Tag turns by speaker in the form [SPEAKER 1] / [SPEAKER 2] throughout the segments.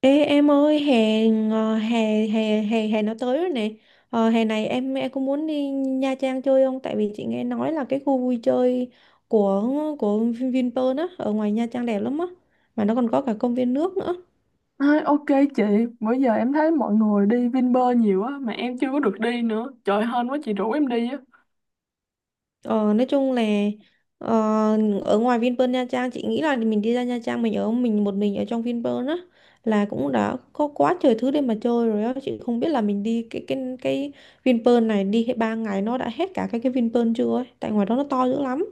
[SPEAKER 1] Ê, em ơi, hè ngò- hè hè hè hè nó tới rồi nè. Hè này em có muốn đi Nha Trang chơi không? Tại vì chị nghe nói là cái khu vui chơi của của Vinpearl á ở ngoài Nha Trang đẹp lắm á, mà nó còn có cả công viên nước nữa.
[SPEAKER 2] Ok chị, bữa giờ em thấy mọi người đi Vinpearl nhiều á mà em chưa có được đi nữa. Trời hên quá chị rủ em đi á.
[SPEAKER 1] Ờ, nói chung là ờ, Ở ngoài Vinpearl Nha Trang, chị nghĩ là mình đi ra Nha Trang, mình ở mình một mình ở trong Vinpearl á là cũng đã có quá trời thứ để mà chơi rồi á. Chị không biết là mình đi cái Vinpearl này đi hết ba ngày nó đã hết cả cái Vinpearl chưa ấy, tại ngoài đó nó to dữ lắm.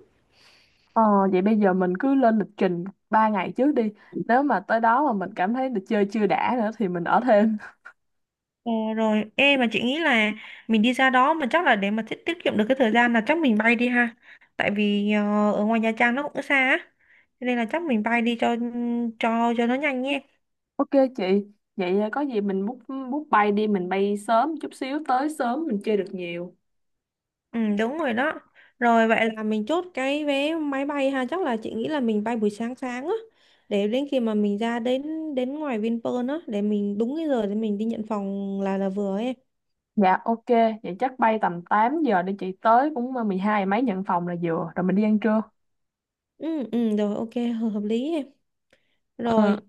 [SPEAKER 2] Ờ vậy bây giờ mình cứ lên lịch trình 3 ngày trước đi. Nếu mà tới đó mà mình cảm thấy được chơi chưa đã nữa thì mình ở thêm.
[SPEAKER 1] Ờ, rồi em, mà chị nghĩ là mình đi ra đó mà chắc là để mà tiết tiết kiệm được cái thời gian là chắc mình bay đi ha, tại vì ở ngoài Nha Trang nó cũng xa á. Cho nên là chắc mình bay đi cho nó nhanh nhé.
[SPEAKER 2] Ok chị, vậy có gì mình book book bay đi, mình bay sớm chút xíu tới sớm mình chơi được nhiều.
[SPEAKER 1] Ừ, đúng rồi đó. Rồi vậy là mình chốt cái vé máy bay ha, chắc là chị nghĩ là mình bay buổi sáng sáng á, để đến khi mà mình ra đến đến ngoài Vinpearl á để mình đúng cái giờ để mình đi nhận phòng là vừa ấy em.
[SPEAKER 2] Dạ ok, vậy chắc bay tầm 8 giờ đi chị tới cũng 12 mấy nhận phòng là vừa, rồi mình đi ăn trưa.
[SPEAKER 1] Ừ rồi ok hợp hợp lý em.
[SPEAKER 2] Ừ.
[SPEAKER 1] Rồi.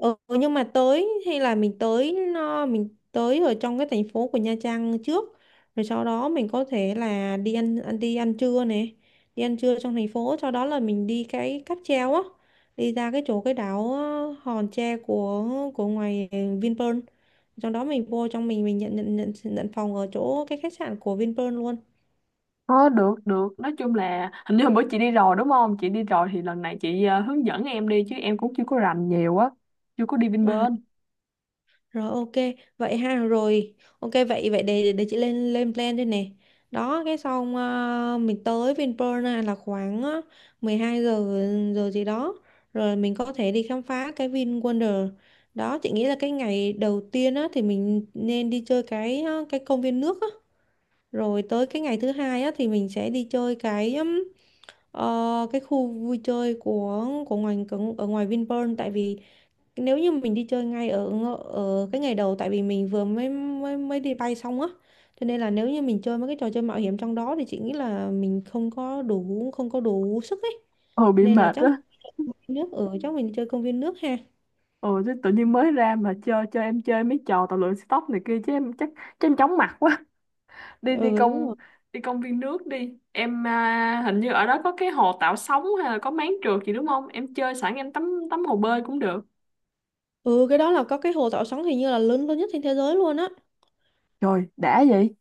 [SPEAKER 1] Ừ, nhưng mà tới, hay là mình tới ở trong cái thành phố của Nha Trang trước, rồi sau đó mình có thể là đi ăn ăn đi ăn trưa này, đi ăn trưa trong thành phố, sau đó là mình đi cái cáp treo á, đi ra cái chỗ cái đảo Hòn Tre của ngoài Vinpearl, sau đó mình vô trong, mình nhận nhận nhận nhận phòng ở chỗ cái khách sạn của Vinpearl luôn.
[SPEAKER 2] Có được được nói chung là hình như hôm bữa chị đi rồi đúng không, chị đi rồi thì lần này chị hướng dẫn em đi chứ em cũng chưa có rành nhiều á, chưa có đi
[SPEAKER 1] À,
[SPEAKER 2] Vinpearl.
[SPEAKER 1] rồi ok, vậy ha, rồi. Ok, vậy vậy để chị lên lên plan đây nè. Đó, cái xong mình tới Vinpearl á, là khoảng 12 giờ giờ gì đó. Rồi mình có thể đi khám phá cái Vin Wonder. Đó, chị nghĩ là cái ngày đầu tiên á thì mình nên đi chơi cái công viên nước á. Rồi tới cái ngày thứ hai á thì mình sẽ đi chơi cái ờ, cái khu vui chơi của ngoài ở ngoài Vinpearl, tại vì nếu như mình đi chơi ngay ở cái ngày đầu, tại vì mình vừa mới mới mới đi bay xong á, cho nên là nếu như mình chơi mấy cái trò chơi mạo hiểm trong đó thì chị nghĩ là mình không có đủ sức ấy.
[SPEAKER 2] Ừ bị
[SPEAKER 1] Nên là
[SPEAKER 2] mệt
[SPEAKER 1] chắc mình
[SPEAKER 2] á.
[SPEAKER 1] đi nước ở chắc mình đi chơi công viên nước ha.
[SPEAKER 2] Ừ chứ tự nhiên mới ra mà chơi chơi em chơi mấy trò tàu lượn stop này kia chứ em chắc, chứ em chóng mặt quá. đi
[SPEAKER 1] Ừ đúng rồi.
[SPEAKER 2] đi công viên nước đi em, à hình như ở đó có cái hồ tạo sóng hay là có máng trượt gì đúng không? Em chơi sẵn em tắm tắm hồ bơi cũng được.
[SPEAKER 1] Ừ, cái đó là có cái hồ Thảo Sóng, hình như là lớn lớn nhất trên thế giới luôn á.
[SPEAKER 2] Trời đã vậy.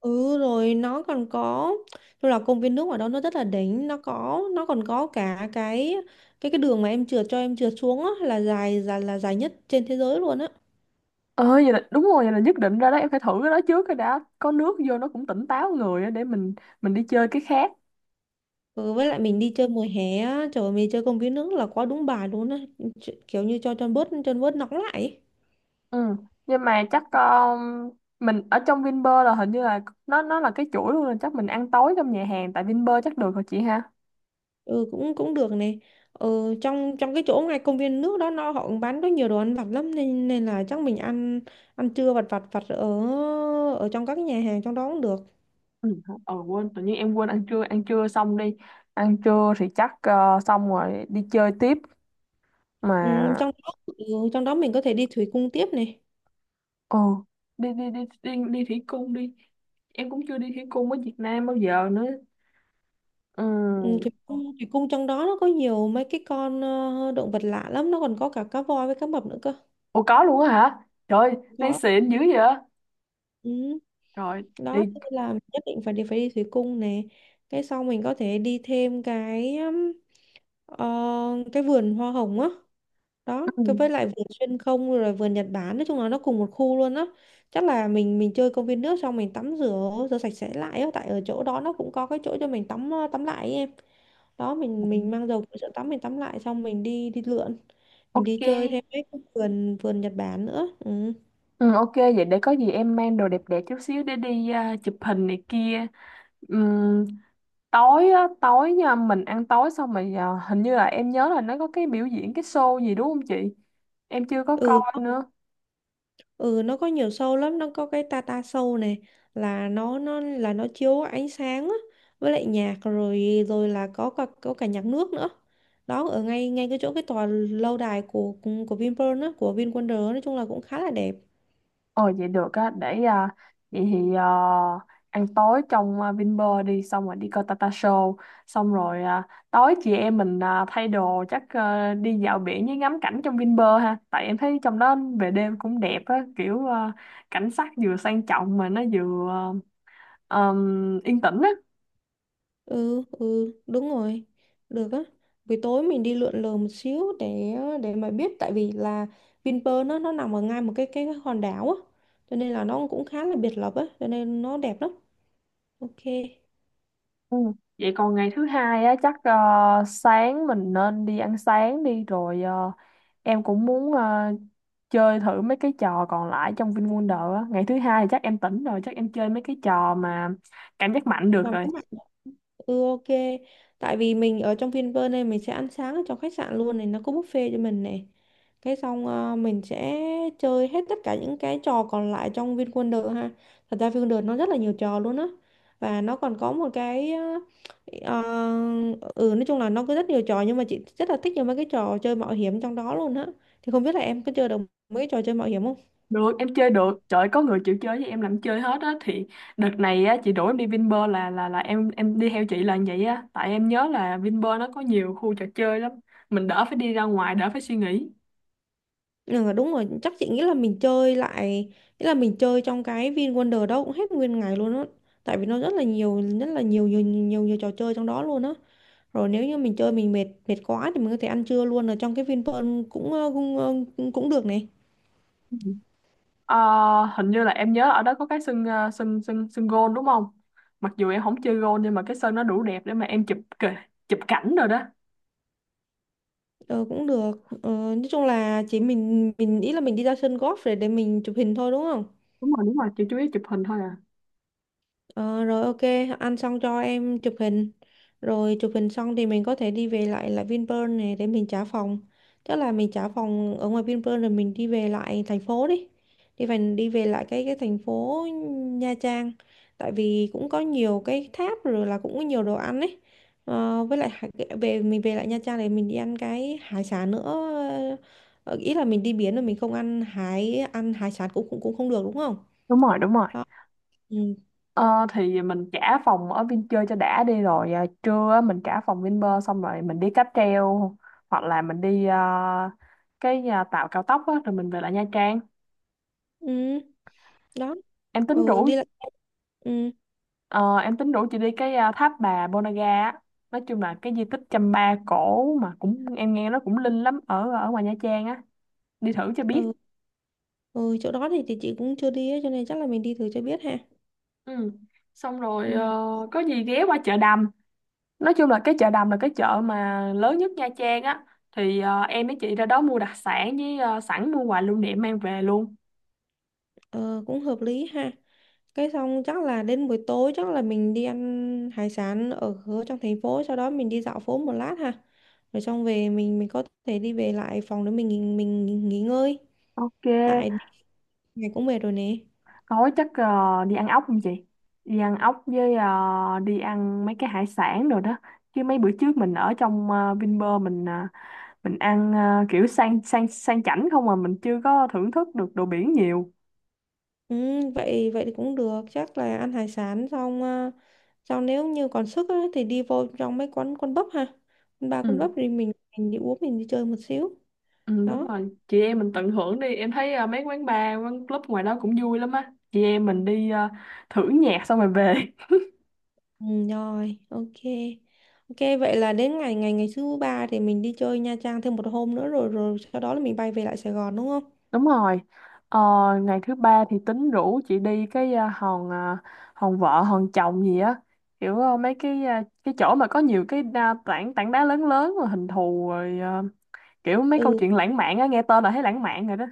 [SPEAKER 1] Ừ, rồi nó còn có, tức là công viên nước ở đó nó rất là đỉnh, nó có, nó còn có cả cái đường mà em trượt, cho em trượt xuống á, là dài dài là dài nhất trên thế giới luôn á.
[SPEAKER 2] Ờ vậy là đúng rồi, vậy là nhất định ra đó em phải thử cái đó trước cái đã, có nước vô nó cũng tỉnh táo người á, để mình đi chơi cái khác.
[SPEAKER 1] Ừ, với lại mình đi chơi mùa hè á, trời ơi, mình đi chơi công viên nước là quá đúng bài luôn á, kiểu như cho chân bớt nóng lại ấy.
[SPEAKER 2] Ừ nhưng mà chắc mình ở trong Vinpearl là hình như là nó là cái chuỗi luôn rồi, chắc mình ăn tối trong nhà hàng tại Vinpearl chắc được rồi chị ha.
[SPEAKER 1] Ừ, cũng cũng được này. Ừ, trong trong cái chỗ ngay công viên nước đó nó họ cũng bán có nhiều đồ ăn vặt lắm, nên nên là chắc mình ăn ăn trưa vặt vặt vặt ở ở trong các nhà hàng trong đó cũng được.
[SPEAKER 2] Ừ. Quên, tự nhiên em quên. Ăn trưa xong đi, ăn trưa thì chắc xong rồi đi chơi tiếp
[SPEAKER 1] Ừ,
[SPEAKER 2] mà.
[SPEAKER 1] trong đó trong đó mình có thể đi thủy cung tiếp này.
[SPEAKER 2] Ừ đi đi đi đi đi thủy cung đi, em cũng chưa đi thủy cung ở Việt Nam bao giờ nữa.
[SPEAKER 1] Ừ,
[SPEAKER 2] Ừ.
[SPEAKER 1] thủy cung trong đó nó có nhiều mấy cái con động vật lạ lắm, nó còn có cả cá voi với cá mập nữa cơ.
[SPEAKER 2] Ủa có luôn á hả? Trời, nay
[SPEAKER 1] Có.
[SPEAKER 2] xịn dữ vậy?
[SPEAKER 1] Ừ.
[SPEAKER 2] Rồi,
[SPEAKER 1] Đó,
[SPEAKER 2] đi.
[SPEAKER 1] thế nên là nhất định phải đi, thủy cung nè, cái sau mình có thể đi thêm cái ờ, cái vườn hoa hồng á. Đó, cái
[SPEAKER 2] Ừ.
[SPEAKER 1] với lại vườn xuyên không rồi vườn Nhật Bản, nói chung là nó cùng một khu luôn á. Chắc là mình chơi công viên nước xong mình tắm rửa, sạch sẽ lại á, tại ở chỗ đó nó cũng có cái chỗ cho mình tắm, tắm lại ấy em. Đó, mình mang dầu của chỗ tắm, mình tắm lại xong mình đi đi lượn, mình đi chơi thêm
[SPEAKER 2] Ok.
[SPEAKER 1] cái vườn vườn Nhật Bản nữa. Ừ
[SPEAKER 2] Ừ, ok, vậy để có gì em mang đồ đẹp đẹp chút xíu để đi, chụp hình này kia. Ừm, tối á, tối nha, mình ăn tối xong rồi hình như là em nhớ là nó có cái biểu diễn, cái show gì đúng không chị? Em chưa có coi
[SPEAKER 1] ừ.
[SPEAKER 2] nữa.
[SPEAKER 1] Ừ nó có nhiều show lắm, nó có cái Tata show này, là nó chiếu ánh sáng á, với lại nhạc, rồi rồi là có cả nhạc nước nữa. Đó, ở ngay ngay cái chỗ cái tòa lâu đài của Vinpearl á, của VinWonder á, nói chung là cũng khá là đẹp.
[SPEAKER 2] Ồ vậy được á, để vậy thì à, ăn tối trong Vinpearl đi, xong rồi đi coi Tata Show, xong rồi tối chị em mình thay đồ, chắc đi dạo biển với ngắm cảnh trong Vinpearl ha, tại em thấy trong đó về đêm cũng đẹp á, kiểu cảnh sắc vừa sang trọng mà nó vừa yên tĩnh á.
[SPEAKER 1] Ừ đúng rồi. Được á. Buổi tối mình đi lượn lờ một xíu, để mà biết, tại vì là Vinpearl nó nằm ở ngay một cái hòn đảo á, cho nên là nó cũng khá là biệt lập á, cho nên nó đẹp lắm. Ok.
[SPEAKER 2] Ừ. Vậy còn ngày thứ hai á chắc sáng mình nên đi ăn sáng đi, rồi em cũng muốn chơi thử mấy cái trò còn lại trong VinWonder á. Ngày thứ hai thì chắc em tỉnh rồi, chắc em chơi mấy cái trò mà cảm giác mạnh được
[SPEAKER 1] Làm
[SPEAKER 2] rồi.
[SPEAKER 1] cũng... Ừ ok. Tại vì mình ở trong Vinpearl này, mình sẽ ăn sáng ở trong khách sạn luôn này, nó có buffet cho mình này. Cái xong mình sẽ chơi hết tất cả những cái trò còn lại trong VinWonder ha. Thật ra VinWonder nó rất là nhiều trò luôn á. Và nó còn có một cái ờ, ừ, nói chung là nó có rất nhiều trò. Nhưng mà chị rất là thích những mấy cái trò chơi mạo hiểm trong đó luôn á. Thì không biết là em có chơi được mấy cái trò chơi mạo hiểm không?
[SPEAKER 2] Được, em chơi được. Trời ơi, có người chịu chơi với em làm chơi hết á thì đợt này á chị đuổi em đi Vinpearl là là em đi theo chị là vậy á, tại em nhớ là Vinpearl nó có nhiều khu trò chơi lắm. Mình đỡ phải đi ra ngoài, đỡ phải suy nghĩ.
[SPEAKER 1] Ừ, đúng rồi, chắc chị nghĩ là mình chơi lại, nghĩa là mình chơi trong cái Vin Wonder đó cũng hết nguyên ngày luôn á. Tại vì nó rất là nhiều, rất là nhiều trò chơi trong đó luôn á. Rồi nếu như mình chơi mình mệt mệt quá thì mình có thể ăn trưa luôn ở trong cái Vinpearl cũng ờ, cũng ờ, cũng cũng được này.
[SPEAKER 2] Ừ. Ờ, hình như là em nhớ ở đó có cái sân ờ, sân sân sân gôn đúng không? Mặc dù em không chơi gôn nhưng mà cái sân nó đủ đẹp để mà em chụp cảnh rồi đó.
[SPEAKER 1] Ờ, cũng được. Ờ, nói chung là chỉ mình nghĩ là mình đi ra sân golf để mình chụp hình thôi đúng không?
[SPEAKER 2] Đúng rồi đúng rồi, chỉ chú ý chụp hình thôi à.
[SPEAKER 1] Ờ, rồi ok, ăn xong cho em chụp hình. Rồi chụp hình xong thì mình có thể đi về lại lại Vinpearl này để mình trả phòng. Chắc là mình trả phòng ở ngoài Vinpearl rồi mình đi về lại thành phố đi. Đi về, đi về lại cái thành phố Nha Trang. Tại vì cũng có nhiều cái tháp, rồi là cũng có nhiều đồ ăn ấy. Ờ, với lại hải- Về, mình về lại Nha Trang để mình đi ăn cái hải sản nữa. Ờ, ý là mình đi biển rồi mình không ăn hải sản cũng cũng cũng không được đúng không?
[SPEAKER 2] Đúng rồi, đúng rồi.
[SPEAKER 1] Đó. Ừ.
[SPEAKER 2] Ờ, thì mình trả phòng ở Vin cho đã đi, rồi trưa á, mình trả phòng Vinpearl xong rồi mình đi cáp treo hoặc là mình đi tàu cao tốc á, rồi mình về lại Nha Trang.
[SPEAKER 1] Ừ. Đó.
[SPEAKER 2] Em tính
[SPEAKER 1] Ừ
[SPEAKER 2] rủ
[SPEAKER 1] đi lại. Ừ.
[SPEAKER 2] ờ, em tính rủ chị đi cái tháp bà Ponagar á. Nói chung là cái di tích Chăm Ba cổ mà cũng em nghe nó cũng linh lắm ở ở ngoài Nha Trang á. Đi thử cho biết.
[SPEAKER 1] Ừ. Ừ chỗ đó thì chị cũng chưa đi á, cho nên chắc là mình đi thử cho biết ha.
[SPEAKER 2] Ừ xong rồi
[SPEAKER 1] Ừ.
[SPEAKER 2] có gì ghé qua chợ đầm. Nói chung là cái chợ đầm là cái chợ mà lớn nhất Nha Trang á, thì em với chị ra đó mua đặc sản với sẵn mua quà lưu niệm mang về luôn.
[SPEAKER 1] Ờ, cũng hợp lý ha. Cái xong chắc là đến buổi tối chắc là mình đi ăn hải sản ở ở trong thành phố, sau đó mình đi dạo phố một lát ha, rồi xong về mình có thể đi về lại phòng để mình nghỉ ngơi,
[SPEAKER 2] Ok,
[SPEAKER 1] tại ngày cũng về rồi nè.
[SPEAKER 2] tối chắc đi ăn ốc không chị? Đi ăn ốc với đi ăn mấy cái hải sản rồi đó. Chứ mấy bữa trước mình ở trong Vinpearl mình mình ăn kiểu sang sang sang chảnh không, mà mình chưa có thưởng thức được đồ biển nhiều.
[SPEAKER 1] Ừ, vậy vậy thì cũng được, chắc là ăn hải sản xong à, xong nếu như còn sức á, thì đi vô trong mấy quán quán bắp ha, quán bar quán
[SPEAKER 2] Ừ.
[SPEAKER 1] bắp thì mình đi uống, mình đi chơi một xíu.
[SPEAKER 2] Ừ, đúng
[SPEAKER 1] Đó,
[SPEAKER 2] rồi chị em mình tận hưởng đi, em thấy mấy quán bar quán club ngoài đó cũng vui lắm á, chị em mình đi thử nhạc xong rồi về.
[SPEAKER 1] ừ, rồi ok. Ok vậy là đến ngày ngày ngày thứ ba thì mình đi chơi Nha Trang thêm một hôm nữa, rồi rồi sau đó là mình bay về lại Sài Gòn đúng không?
[SPEAKER 2] Đúng rồi. Ờ, ngày thứ ba thì tính rủ chị đi cái hòn vợ hòn chồng gì á, kiểu mấy cái cái chỗ mà có nhiều cái tảng tảng đá lớn lớn rồi hình thù rồi kiểu mấy
[SPEAKER 1] Ừ.
[SPEAKER 2] câu chuyện lãng mạn á, nghe tên là thấy lãng mạn rồi đó.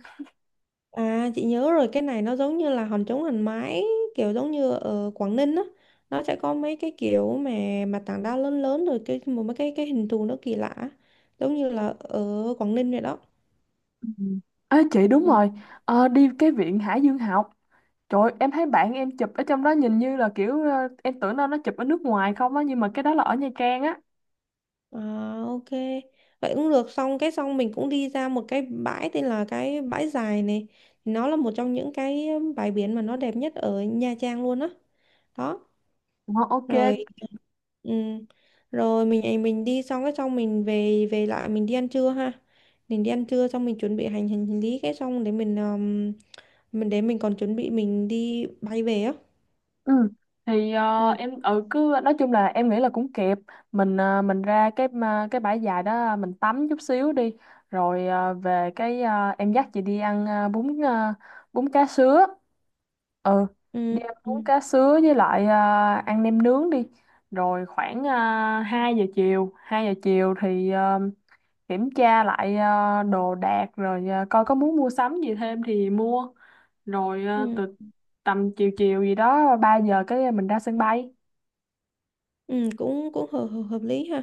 [SPEAKER 1] À chị nhớ rồi, cái này nó giống như là hòn trống hòn mái, kiểu giống như ở Quảng Ninh á, nó sẽ có mấy cái kiểu mà tảng đá lớn lớn rồi cái một mấy cái hình thù nó kỳ lạ, giống như là ở Quảng Ninh vậy đó.
[SPEAKER 2] Ừ. Ê chị đúng
[SPEAKER 1] Ừ.
[SPEAKER 2] rồi. Ờ, đi cái viện Hải Dương học. Trời ơi, em thấy bạn em chụp ở trong đó nhìn như là kiểu em tưởng đâu nó chụp ở nước ngoài không á, nhưng mà cái đó là ở Nha Trang á.
[SPEAKER 1] À, ok vậy cũng được, xong cái xong mình cũng đi ra một cái bãi tên là cái bãi dài này, nó là một trong những cái bãi biển mà nó đẹp nhất ở Nha Trang luôn á. Đó.
[SPEAKER 2] Wow, ok.
[SPEAKER 1] Rồi. Ừ, rồi mình đi xong cái xong mình về về lại mình đi ăn trưa ha. Mình đi ăn trưa xong mình chuẩn bị hành hành lý cái xong để mình để mình còn chuẩn bị mình đi bay về á.
[SPEAKER 2] Ừ. Thì
[SPEAKER 1] ừ,
[SPEAKER 2] cứ nói chung là em nghĩ là cũng kịp. Mình mình ra cái bãi dài đó mình tắm chút xíu đi, rồi em dắt chị đi ăn bún cá sứa. Ừ
[SPEAKER 1] ừ,
[SPEAKER 2] đi ăn bún
[SPEAKER 1] ừ,
[SPEAKER 2] cá sứa với lại ăn nem nướng đi, rồi khoảng 2 giờ chiều 2 giờ chiều thì kiểm tra lại đồ đạc, rồi coi có muốn mua sắm gì thêm thì mua, rồi
[SPEAKER 1] ừ,
[SPEAKER 2] từ tầm chiều chiều gì đó 3 giờ cái mình ra sân bay.
[SPEAKER 1] ừ, cũng cũng hợp, hợp hợp lý ha.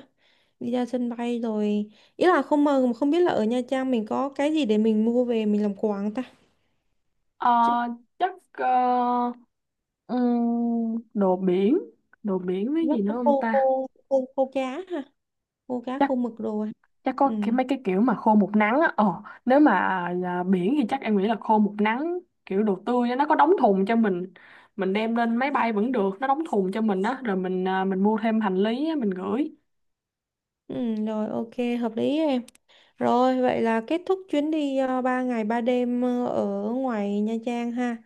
[SPEAKER 1] Đi ra sân bay rồi, ý là không mơ mà không biết là ở Nha Trang mình có cái gì để mình mua về mình làm quà không ta.
[SPEAKER 2] ờ,
[SPEAKER 1] Chứ-
[SPEAKER 2] chắc ờ, đồ biển, đồ biển với gì
[SPEAKER 1] Chắc
[SPEAKER 2] nữa
[SPEAKER 1] là
[SPEAKER 2] không
[SPEAKER 1] khô
[SPEAKER 2] ta?
[SPEAKER 1] khô khô khô cá ha, khô cá
[SPEAKER 2] Chắc
[SPEAKER 1] khô mực đồ ha.
[SPEAKER 2] chắc
[SPEAKER 1] Ừ.
[SPEAKER 2] có cái mấy cái kiểu mà khô một nắng á, ờ nếu mà là biển thì chắc em nghĩ là khô một nắng, kiểu đồ tươi á, nó có đóng thùng cho mình đem lên máy bay vẫn được, nó đóng thùng cho mình á, rồi mình mình mua thêm hành lý á, mình gửi.
[SPEAKER 1] Ừ rồi ok, hợp lý em. Rồi, vậy là kết thúc chuyến đi 3 ngày 3 đêm ở ngoài Nha Trang ha.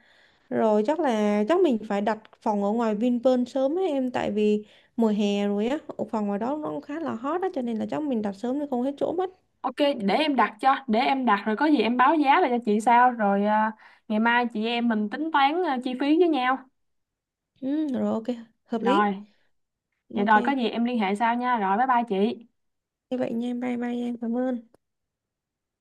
[SPEAKER 1] Rồi chắc là mình phải đặt phòng ở ngoài Vinpearl sớm ấy em, tại vì mùa hè rồi á, phòng ngoài đó nó cũng khá là hot á, cho nên là chắc mình đặt sớm thì không hết chỗ mất.
[SPEAKER 2] Ok để em đặt cho, để em đặt rồi có gì em báo giá lại cho chị, sao rồi ngày mai chị em mình tính toán chi phí với nhau.
[SPEAKER 1] Ừ, rồi ok, hợp lý.
[SPEAKER 2] Rồi, vậy rồi có
[SPEAKER 1] Ok,
[SPEAKER 2] gì em liên hệ sau nha. Rồi bye bye chị.
[SPEAKER 1] như vậy nha, bye bye em, cảm ơn.